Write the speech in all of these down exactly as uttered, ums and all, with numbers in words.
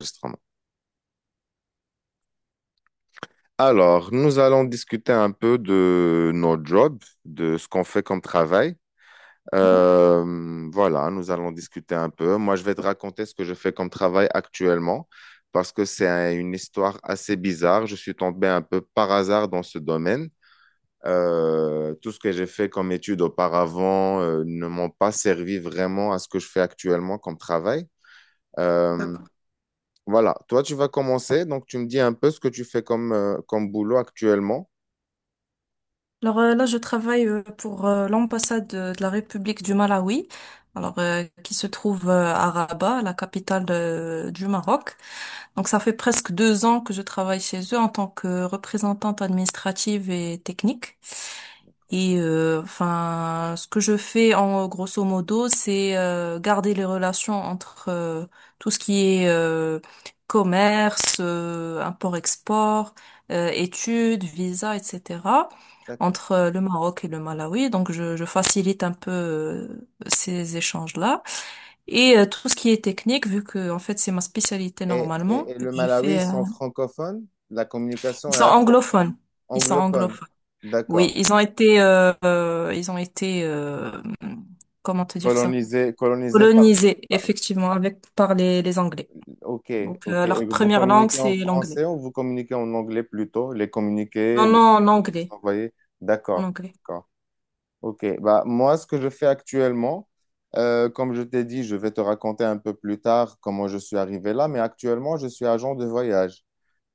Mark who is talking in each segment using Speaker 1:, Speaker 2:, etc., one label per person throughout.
Speaker 1: Enregistrement. Alors, nous allons discuter un peu de nos jobs, de ce qu'on fait comme travail.
Speaker 2: Mhm.
Speaker 1: Euh, voilà, nous allons discuter un peu. Moi, je vais te raconter ce que je fais comme travail actuellement parce que c'est un- une histoire assez bizarre. Je suis tombé un peu par hasard dans ce domaine. Euh, tout ce que j'ai fait comme études auparavant, euh, ne m'ont pas servi vraiment à ce que je fais actuellement comme travail. Euh,
Speaker 2: D'accord.
Speaker 1: voilà, toi, tu vas commencer. Donc, tu me dis un peu ce que tu fais comme, euh, comme boulot actuellement.
Speaker 2: Alors euh, là, je travaille euh, pour euh, l'ambassade euh, de la République du Malawi, alors euh, qui se trouve euh, à Rabat, la capitale euh, du Maroc. Donc ça fait presque deux ans que je travaille chez eux en tant que représentante administrative et technique. Et euh, enfin, ce que je fais en grosso modo, c'est euh, garder les relations entre euh, tout ce qui est euh, commerce, euh, import-export, euh, études, visa, et cetera
Speaker 1: D'accord.
Speaker 2: entre euh, le Maroc et le Malawi. Donc, je, je facilite un peu euh, ces échanges-là. Et euh, tout ce qui est technique, vu que en fait c'est ma spécialité
Speaker 1: Et, et,
Speaker 2: normalement,
Speaker 1: et
Speaker 2: vu
Speaker 1: le
Speaker 2: que je
Speaker 1: Malawi ils
Speaker 2: fais. euh,
Speaker 1: sont francophones, la communication
Speaker 2: Ils
Speaker 1: est
Speaker 2: sont
Speaker 1: assez
Speaker 2: anglophones. Ils sont
Speaker 1: anglophone.
Speaker 2: anglophones. Oui,
Speaker 1: D'accord.
Speaker 2: ils ont été, euh, euh, ils ont été, euh, comment te dire ça?
Speaker 1: Colonisé, colonisé par,
Speaker 2: Colonisés,
Speaker 1: par-
Speaker 2: effectivement, avec par les, les Anglais.
Speaker 1: ok,
Speaker 2: Donc,
Speaker 1: ok.
Speaker 2: euh,
Speaker 1: Et
Speaker 2: leur
Speaker 1: vous
Speaker 2: première langue,
Speaker 1: communiquez en
Speaker 2: c'est l'anglais.
Speaker 1: français ou vous communiquez en anglais plutôt? Les
Speaker 2: Non,
Speaker 1: communiqués, les
Speaker 2: non, en anglais,
Speaker 1: envoyés.
Speaker 2: en
Speaker 1: D'accord,
Speaker 2: anglais.
Speaker 1: d'accord. Ok, bah, moi, ce que je fais actuellement, euh, comme je t'ai dit, je vais te raconter un peu plus tard comment je suis arrivé là, mais actuellement, je suis agent de voyage.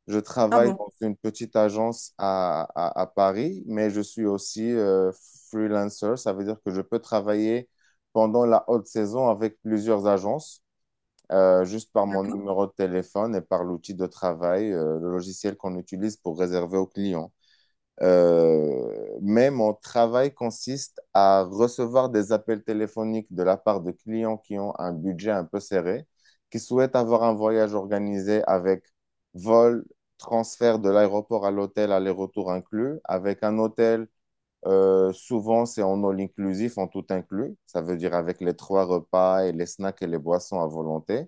Speaker 1: Je
Speaker 2: Ah
Speaker 1: travaille
Speaker 2: bon,
Speaker 1: dans une petite agence à, à- à Paris, mais je suis aussi euh, freelancer. Ça veut dire que je peux travailler pendant la haute saison avec plusieurs agences, euh, juste par mon
Speaker 2: d'accord.
Speaker 1: numéro de téléphone et par l'outil de travail, euh, le logiciel qu'on utilise pour réserver aux clients. Euh, mais mon travail consiste à recevoir des appels téléphoniques de la part de clients qui ont un budget un peu serré, qui souhaitent avoir un voyage organisé avec vol, transfert de l'aéroport à l'hôtel, aller-retour inclus, avec un hôtel, euh, souvent c'est en all inclusif, en tout inclus, ça veut dire avec les trois repas et les snacks et les boissons à volonté.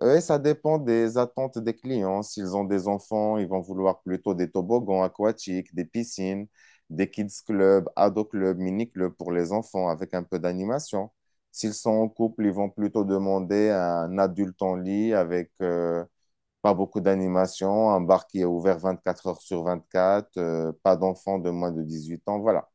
Speaker 1: Oui, ça dépend des attentes des clients. S'ils ont des enfants, ils vont vouloir plutôt des toboggans aquatiques, des piscines, des kids clubs, ado clubs, mini clubs pour les enfants avec un peu d'animation. S'ils sont en couple, ils vont plutôt demander un adulte en lit avec euh, pas beaucoup d'animation, un bar qui est ouvert vingt-quatre heures sur vingt-quatre, euh, pas d'enfants de moins de dix-huit ans, voilà.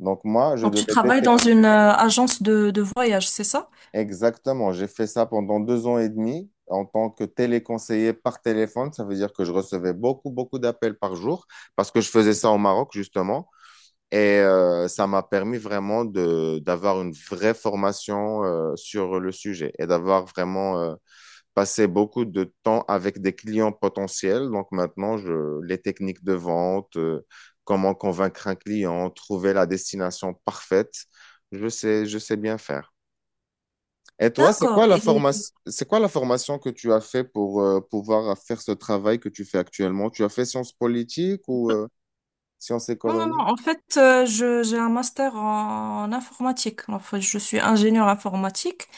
Speaker 1: Donc moi, je
Speaker 2: Donc,
Speaker 1: devais
Speaker 2: tu travailles dans
Speaker 1: détecter.
Speaker 2: une euh, agence de, de voyage, c'est ça?
Speaker 1: Exactement, j'ai fait ça pendant deux ans et demi en tant que téléconseiller par téléphone. Ça veut dire que je recevais beaucoup, beaucoup d'appels par jour parce que je faisais ça au Maroc, justement. Et euh, ça m'a permis vraiment de, d'avoir une vraie formation euh, sur le sujet et d'avoir vraiment euh, passé beaucoup de temps avec des clients potentiels. Donc maintenant, je, les techniques de vente, euh, comment convaincre un client, trouver la destination parfaite, je sais, je sais bien faire. Et toi, c'est quoi
Speaker 2: D'accord.
Speaker 1: la
Speaker 2: Et,
Speaker 1: formation, c'est quoi la formation que tu as fait pour euh, pouvoir faire ce travail que tu fais actuellement? Tu as fait sciences politiques ou euh, sciences
Speaker 2: Non, non, non.
Speaker 1: économiques?
Speaker 2: En fait, euh, je, j'ai un master en, en informatique. Enfin, je suis ingénieure informatique.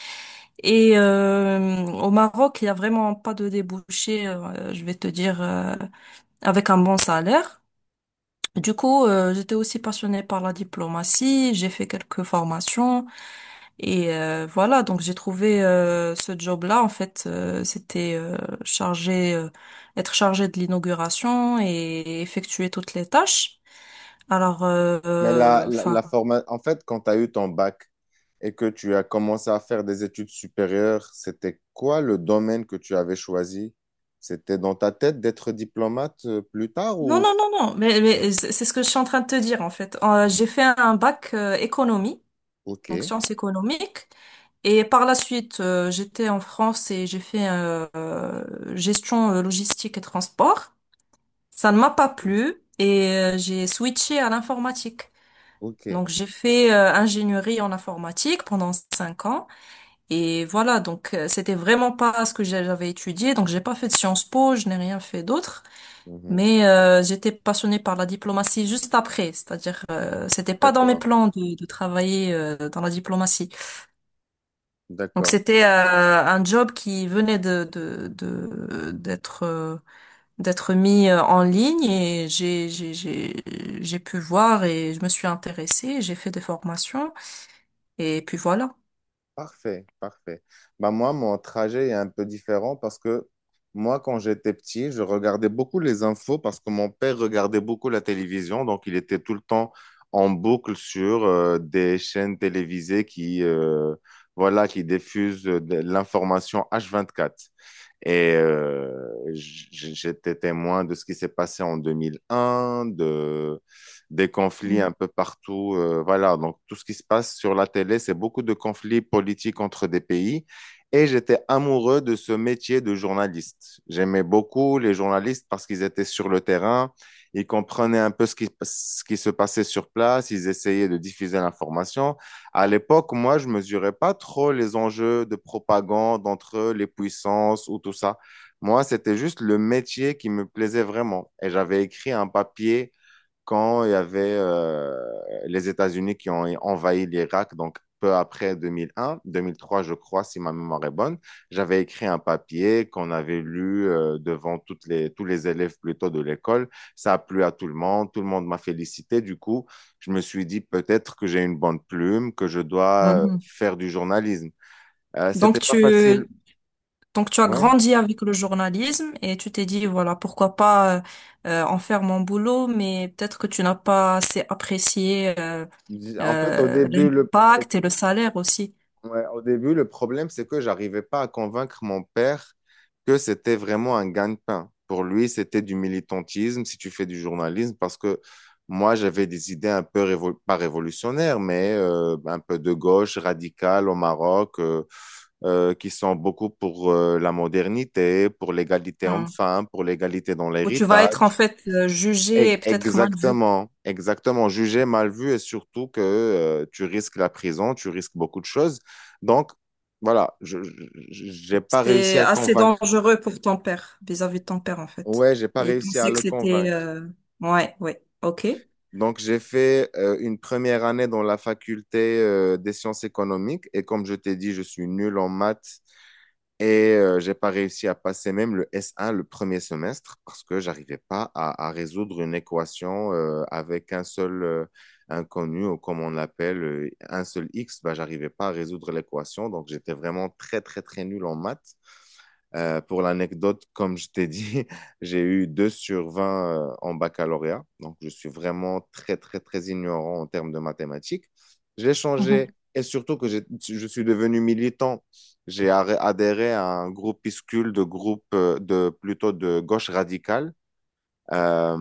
Speaker 2: Et euh, au Maroc, il n'y a vraiment pas de débouché, euh, je vais te dire, euh, avec un bon salaire. Du coup, euh, j'étais aussi passionnée par la diplomatie. J'ai fait quelques formations. Et euh, voilà, donc j'ai trouvé euh, ce job-là. En fait, euh, c'était euh, chargé, euh, être chargé de l'inauguration et effectuer toutes les tâches. Alors, euh,
Speaker 1: Mais la,
Speaker 2: euh,
Speaker 1: la,
Speaker 2: enfin,
Speaker 1: la forma- en fait, quand tu as eu ton bac et que tu as commencé à faire des études supérieures, c'était quoi le domaine que tu avais choisi? C'était dans ta tête d'être diplomate euh, plus tard
Speaker 2: non,
Speaker 1: ou.
Speaker 2: non, non, non, mais, mais c'est c'est ce que je suis en train de te dire en fait. Euh, j'ai fait un bac euh, économie,
Speaker 1: Ok,
Speaker 2: donc sciences économiques, et par la suite, euh, j'étais en France et j'ai fait euh, euh, gestion euh, logistique et transport. Ça ne m'a pas
Speaker 1: ok.
Speaker 2: plu et euh, j'ai switché à l'informatique.
Speaker 1: ok.
Speaker 2: Donc j'ai fait euh, ingénierie en informatique pendant cinq ans et voilà donc euh, c'était vraiment pas ce que j'avais étudié, donc j'ai pas fait de Sciences Po, je n'ai rien fait d'autre,
Speaker 1: Mhm.
Speaker 2: mais euh, j'étais passionnée par la diplomatie juste après, c'est-à-dire euh, c'était pas dans mes
Speaker 1: D'accord,
Speaker 2: plans de, de travailler euh, dans la diplomatie, donc
Speaker 1: d'accord.
Speaker 2: c'était euh, un job qui venait de de de- d'être euh, d'être mis euh, en ligne. Et j'ai j'ai j'ai j'ai pu voir et je me suis intéressée, j'ai fait des formations et puis voilà.
Speaker 1: Parfait, parfait. Bah moi, mon trajet est un peu différent parce que moi, quand j'étais petit, je regardais beaucoup les infos parce que mon père regardait beaucoup la télévision. Donc, il était tout le temps en boucle sur euh, des chaînes télévisées qui, euh, voilà, qui diffusent euh, de l'information h vingt-quatre. Et euh, j'étais témoin de ce qui s'est passé en deux mille un, de, des conflits
Speaker 2: Mhm.
Speaker 1: un peu partout. Euh, voilà, donc tout ce qui se passe sur la télé, c'est beaucoup de conflits politiques entre des pays. Et j'étais amoureux de ce métier de journaliste. J'aimais beaucoup les journalistes parce qu'ils étaient sur le terrain, ils comprenaient un peu ce qui, ce qui se passait sur place, ils essayaient de diffuser l'information. À l'époque, moi, je mesurais pas trop les enjeux de propagande entre les puissances ou tout ça. Moi, c'était juste le métier qui me plaisait vraiment. Et j'avais écrit un papier quand il y avait euh, les États-Unis qui ont envahi l'Irak, donc peu après deux mille un, deux mille trois, je crois, si ma mémoire est bonne. J'avais écrit un papier qu'on avait lu euh, devant toutes les, tous les élèves plutôt de l'école. Ça a plu à tout le monde, tout le monde m'a félicité. Du coup, je me suis dit peut-être que j'ai une bonne plume, que je dois euh,
Speaker 2: Mhm.
Speaker 1: faire du journalisme. Euh,
Speaker 2: Donc
Speaker 1: c'était pas facile.
Speaker 2: tu, donc tu as
Speaker 1: Ouais.
Speaker 2: grandi avec le journalisme et tu t'es dit, voilà, pourquoi pas euh, euh, en faire mon boulot, mais peut-être que tu n'as pas assez apprécié euh,
Speaker 1: En fait, au
Speaker 2: euh,
Speaker 1: début, le,
Speaker 2: l'impact et le salaire aussi.
Speaker 1: ouais, au début, le problème, c'est que j'arrivais pas à convaincre mon père que c'était vraiment un gagne-pain. Pour lui, c'était du militantisme si tu fais du journalisme, parce que moi, j'avais des idées un peu, révo- pas révolutionnaires, mais euh, un peu de gauche, radicale au Maroc, euh, euh, qui sont beaucoup pour euh, la modernité, pour l'égalité
Speaker 2: Mhm.
Speaker 1: homme-femme, pour l'égalité dans
Speaker 2: Où tu vas être en
Speaker 1: l'héritage.
Speaker 2: fait euh, jugé
Speaker 1: E-
Speaker 2: et peut-être mal vu.
Speaker 1: Exactement, exactement. Jugé, mal vu et surtout que euh, tu risques la prison, tu risques beaucoup de choses. Donc, voilà, je, je- j'ai pas réussi
Speaker 2: C'était
Speaker 1: à
Speaker 2: assez
Speaker 1: convaincre.
Speaker 2: dangereux pour ton père, vis-à-vis de ton père en fait.
Speaker 1: Ouais, j'ai pas
Speaker 2: Et il
Speaker 1: réussi à
Speaker 2: pensait que
Speaker 1: le
Speaker 2: c'était...
Speaker 1: convaincre.
Speaker 2: euh, Ouais, ouais, ok.
Speaker 1: Donc, j'ai fait euh, une première année dans la faculté euh, des sciences économiques et comme je t'ai dit, je suis nul en maths. Et euh, j'ai pas réussi à passer même le S un, le premier semestre, parce que j'arrivais pas à, à résoudre une équation euh, avec un seul euh, inconnu ou comme on l'appelle euh, un seul X. Bah, j'arrivais pas à résoudre l'équation, donc j'étais vraiment très très très nul en maths. Euh, pour l'anecdote, comme je t'ai dit, j'ai eu deux sur vingt euh, en baccalauréat. Donc, je suis vraiment très, très, très ignorant en termes de mathématiques. J'ai changé
Speaker 2: Mhm.
Speaker 1: et surtout que j'ai- je suis devenu militant. J'ai arré- adhéré à un groupuscule de groupes euh, de, plutôt de gauche radicale. Euh,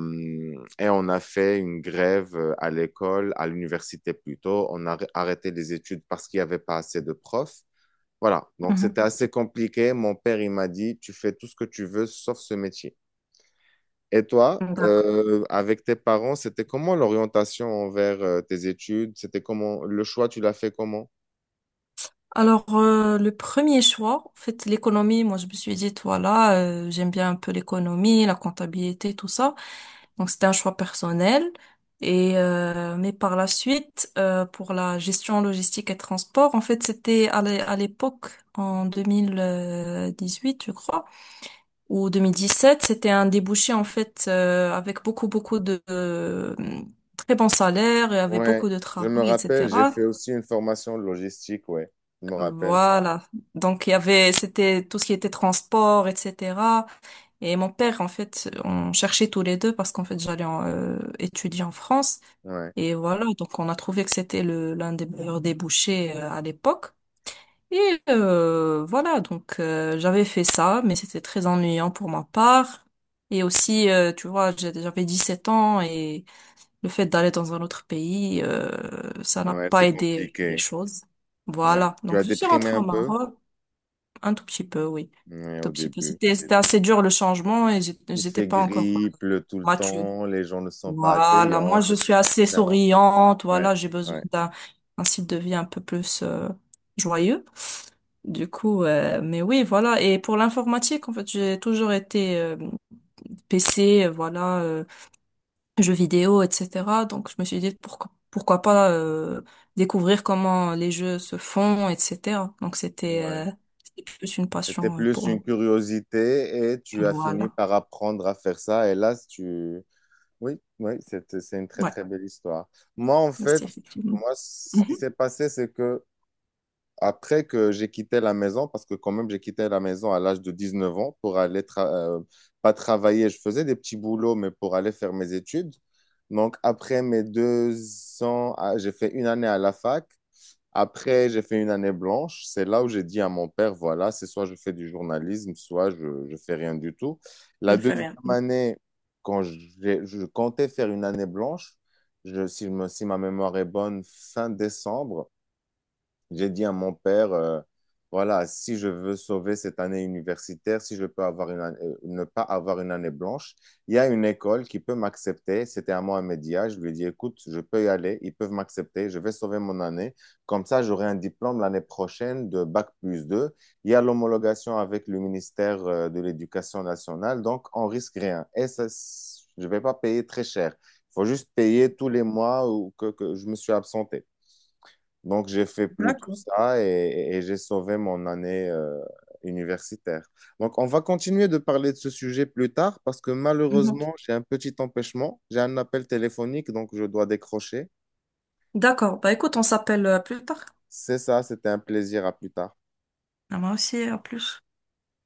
Speaker 1: et on a fait une grève euh, à l'école, à l'université plutôt. On a arrêté les études parce qu'il n'y avait pas assez de profs. Voilà, donc c'était assez compliqué. Mon père, il m'a dit, tu fais tout ce que tu veux sauf ce métier. Et toi,
Speaker 2: Mhm. D'accord.
Speaker 1: euh, avec tes parents, c'était comment l'orientation envers euh, tes études? C'était comment le choix, tu l'as fait comment?
Speaker 2: Alors, euh, le premier choix, en fait, l'économie, moi, je me suis dit, voilà, euh, j'aime bien un peu l'économie, la comptabilité, tout ça. Donc, c'était un choix personnel. Et, euh, mais par la suite, euh, pour la gestion logistique et transport, en fait, c'était à l'é- à l'époque, en deux mille dix-huit, je crois, ou deux mille dix-sept, c'était un débouché, en fait, euh, avec beaucoup, beaucoup de, de très bons salaires et avec
Speaker 1: Ouais,
Speaker 2: beaucoup de
Speaker 1: je me
Speaker 2: travail,
Speaker 1: rappelle, j'ai
Speaker 2: et cetera.
Speaker 1: fait aussi une formation de logistique, ouais, je me rappelle.
Speaker 2: Voilà. Donc, il y avait, c'était tout ce qui était transport, et cetera. Et mon père, en fait, on cherchait tous les deux parce qu'en fait, j'allais en, euh, étudier en France.
Speaker 1: Ouais,
Speaker 2: Et voilà. Donc, on a trouvé que c'était le, l'un des meilleurs débouchés, euh, à l'époque. Et euh, voilà. Donc, euh, j'avais fait ça, mais c'était très ennuyant pour ma part. Et aussi, euh, tu vois, j'ai- j'avais 17 ans et le fait d'aller dans un autre pays, euh, ça n'a
Speaker 1: ouais,
Speaker 2: pas
Speaker 1: c'est
Speaker 2: aidé les
Speaker 1: compliqué.
Speaker 2: choses.
Speaker 1: Ouais.
Speaker 2: Voilà.
Speaker 1: Tu as
Speaker 2: Donc, je suis
Speaker 1: déprimé
Speaker 2: rentrée
Speaker 1: un
Speaker 2: au
Speaker 1: peu?
Speaker 2: Maroc. Un tout petit peu, oui.
Speaker 1: Ouais, au
Speaker 2: Tout petit peu.
Speaker 1: début.
Speaker 2: C'était, c'était assez dur le changement et j'ai-
Speaker 1: Il
Speaker 2: j'étais
Speaker 1: fait
Speaker 2: pas encore
Speaker 1: gris, il pleut tout le
Speaker 2: mature.
Speaker 1: temps, les gens ne sont pas
Speaker 2: Voilà,
Speaker 1: accueillants,
Speaker 2: moi je
Speaker 1: c'est
Speaker 2: suis
Speaker 1: très, très
Speaker 2: assez
Speaker 1: différent.
Speaker 2: souriante,
Speaker 1: Ouais,
Speaker 2: voilà, j'ai besoin
Speaker 1: ouais,
Speaker 2: d'un un style de vie un peu plus euh, joyeux. Du coup, euh, mais oui, voilà. Et pour l'informatique, en fait, j'ai toujours été euh, P C, euh, voilà, euh, jeux vidéo, et cetera. Donc je me suis dit pourquoi pourquoi pas euh, découvrir comment les jeux se font, et cetera. Donc c'était
Speaker 1: ouais.
Speaker 2: euh, c'était plus une
Speaker 1: C'était
Speaker 2: passion euh,
Speaker 1: plus
Speaker 2: pour
Speaker 1: une
Speaker 2: moi.
Speaker 1: curiosité et tu as fini
Speaker 2: Voilà.
Speaker 1: par apprendre à faire ça. Et là, tu. Oui, oui, c'est, c'est une très,
Speaker 2: Ouais,
Speaker 1: très belle histoire. Moi, en fait,
Speaker 2: merci, effectivement.
Speaker 1: moi,
Speaker 2: Ouais,
Speaker 1: ce qui
Speaker 2: mhm,
Speaker 1: s'est passé, c'est que après que j'ai quitté la maison, parce que quand même, j'ai quitté la maison à l'âge de dix neuf ans pour aller, tra- euh, pas travailler, je faisais des petits boulots, mais pour aller faire mes études. Donc, après mes deux ans, ah, j'ai fait une année à la fac. Après, j'ai fait une année blanche. C'est là où j'ai dit à mon père, voilà, c'est soit je fais du journalisme, soit je, je fais rien du tout.
Speaker 2: je
Speaker 1: La
Speaker 2: le fais
Speaker 1: deuxième
Speaker 2: rien.
Speaker 1: année, quand j'ai- je comptais faire une année blanche, je, si, je me- si ma mémoire est bonne, fin décembre, j'ai dit à mon père, euh, voilà, si je veux sauver cette année universitaire, si je peux avoir une année- euh, ne pas avoir une année blanche, il y a une école qui peut m'accepter. C'était à Mohamedia. Je lui ai dit, écoute, je peux y aller, ils peuvent m'accepter, je vais sauver mon année. Comme ça, j'aurai un diplôme l'année prochaine de Bac plus deux. Il y a l'homologation avec le ministère euh, de l'Éducation nationale, donc on risque rien. Et ça, c- je ne vais pas payer très cher. Il faut juste payer tous les mois ou que, que je me suis absenté. Donc, j'ai fait plutôt
Speaker 2: D'accord.
Speaker 1: ça et, et j'ai sauvé mon année euh, universitaire. Donc, on va continuer de parler de ce sujet plus tard parce que
Speaker 2: Mhm.
Speaker 1: malheureusement, j'ai un petit empêchement. J'ai un appel téléphonique, donc je dois décrocher.
Speaker 2: D'accord. Bah écoute, on s'appelle euh, plus tard.
Speaker 1: C'est ça, c'était un plaisir. À plus tard.
Speaker 2: Ah, moi aussi, à plus.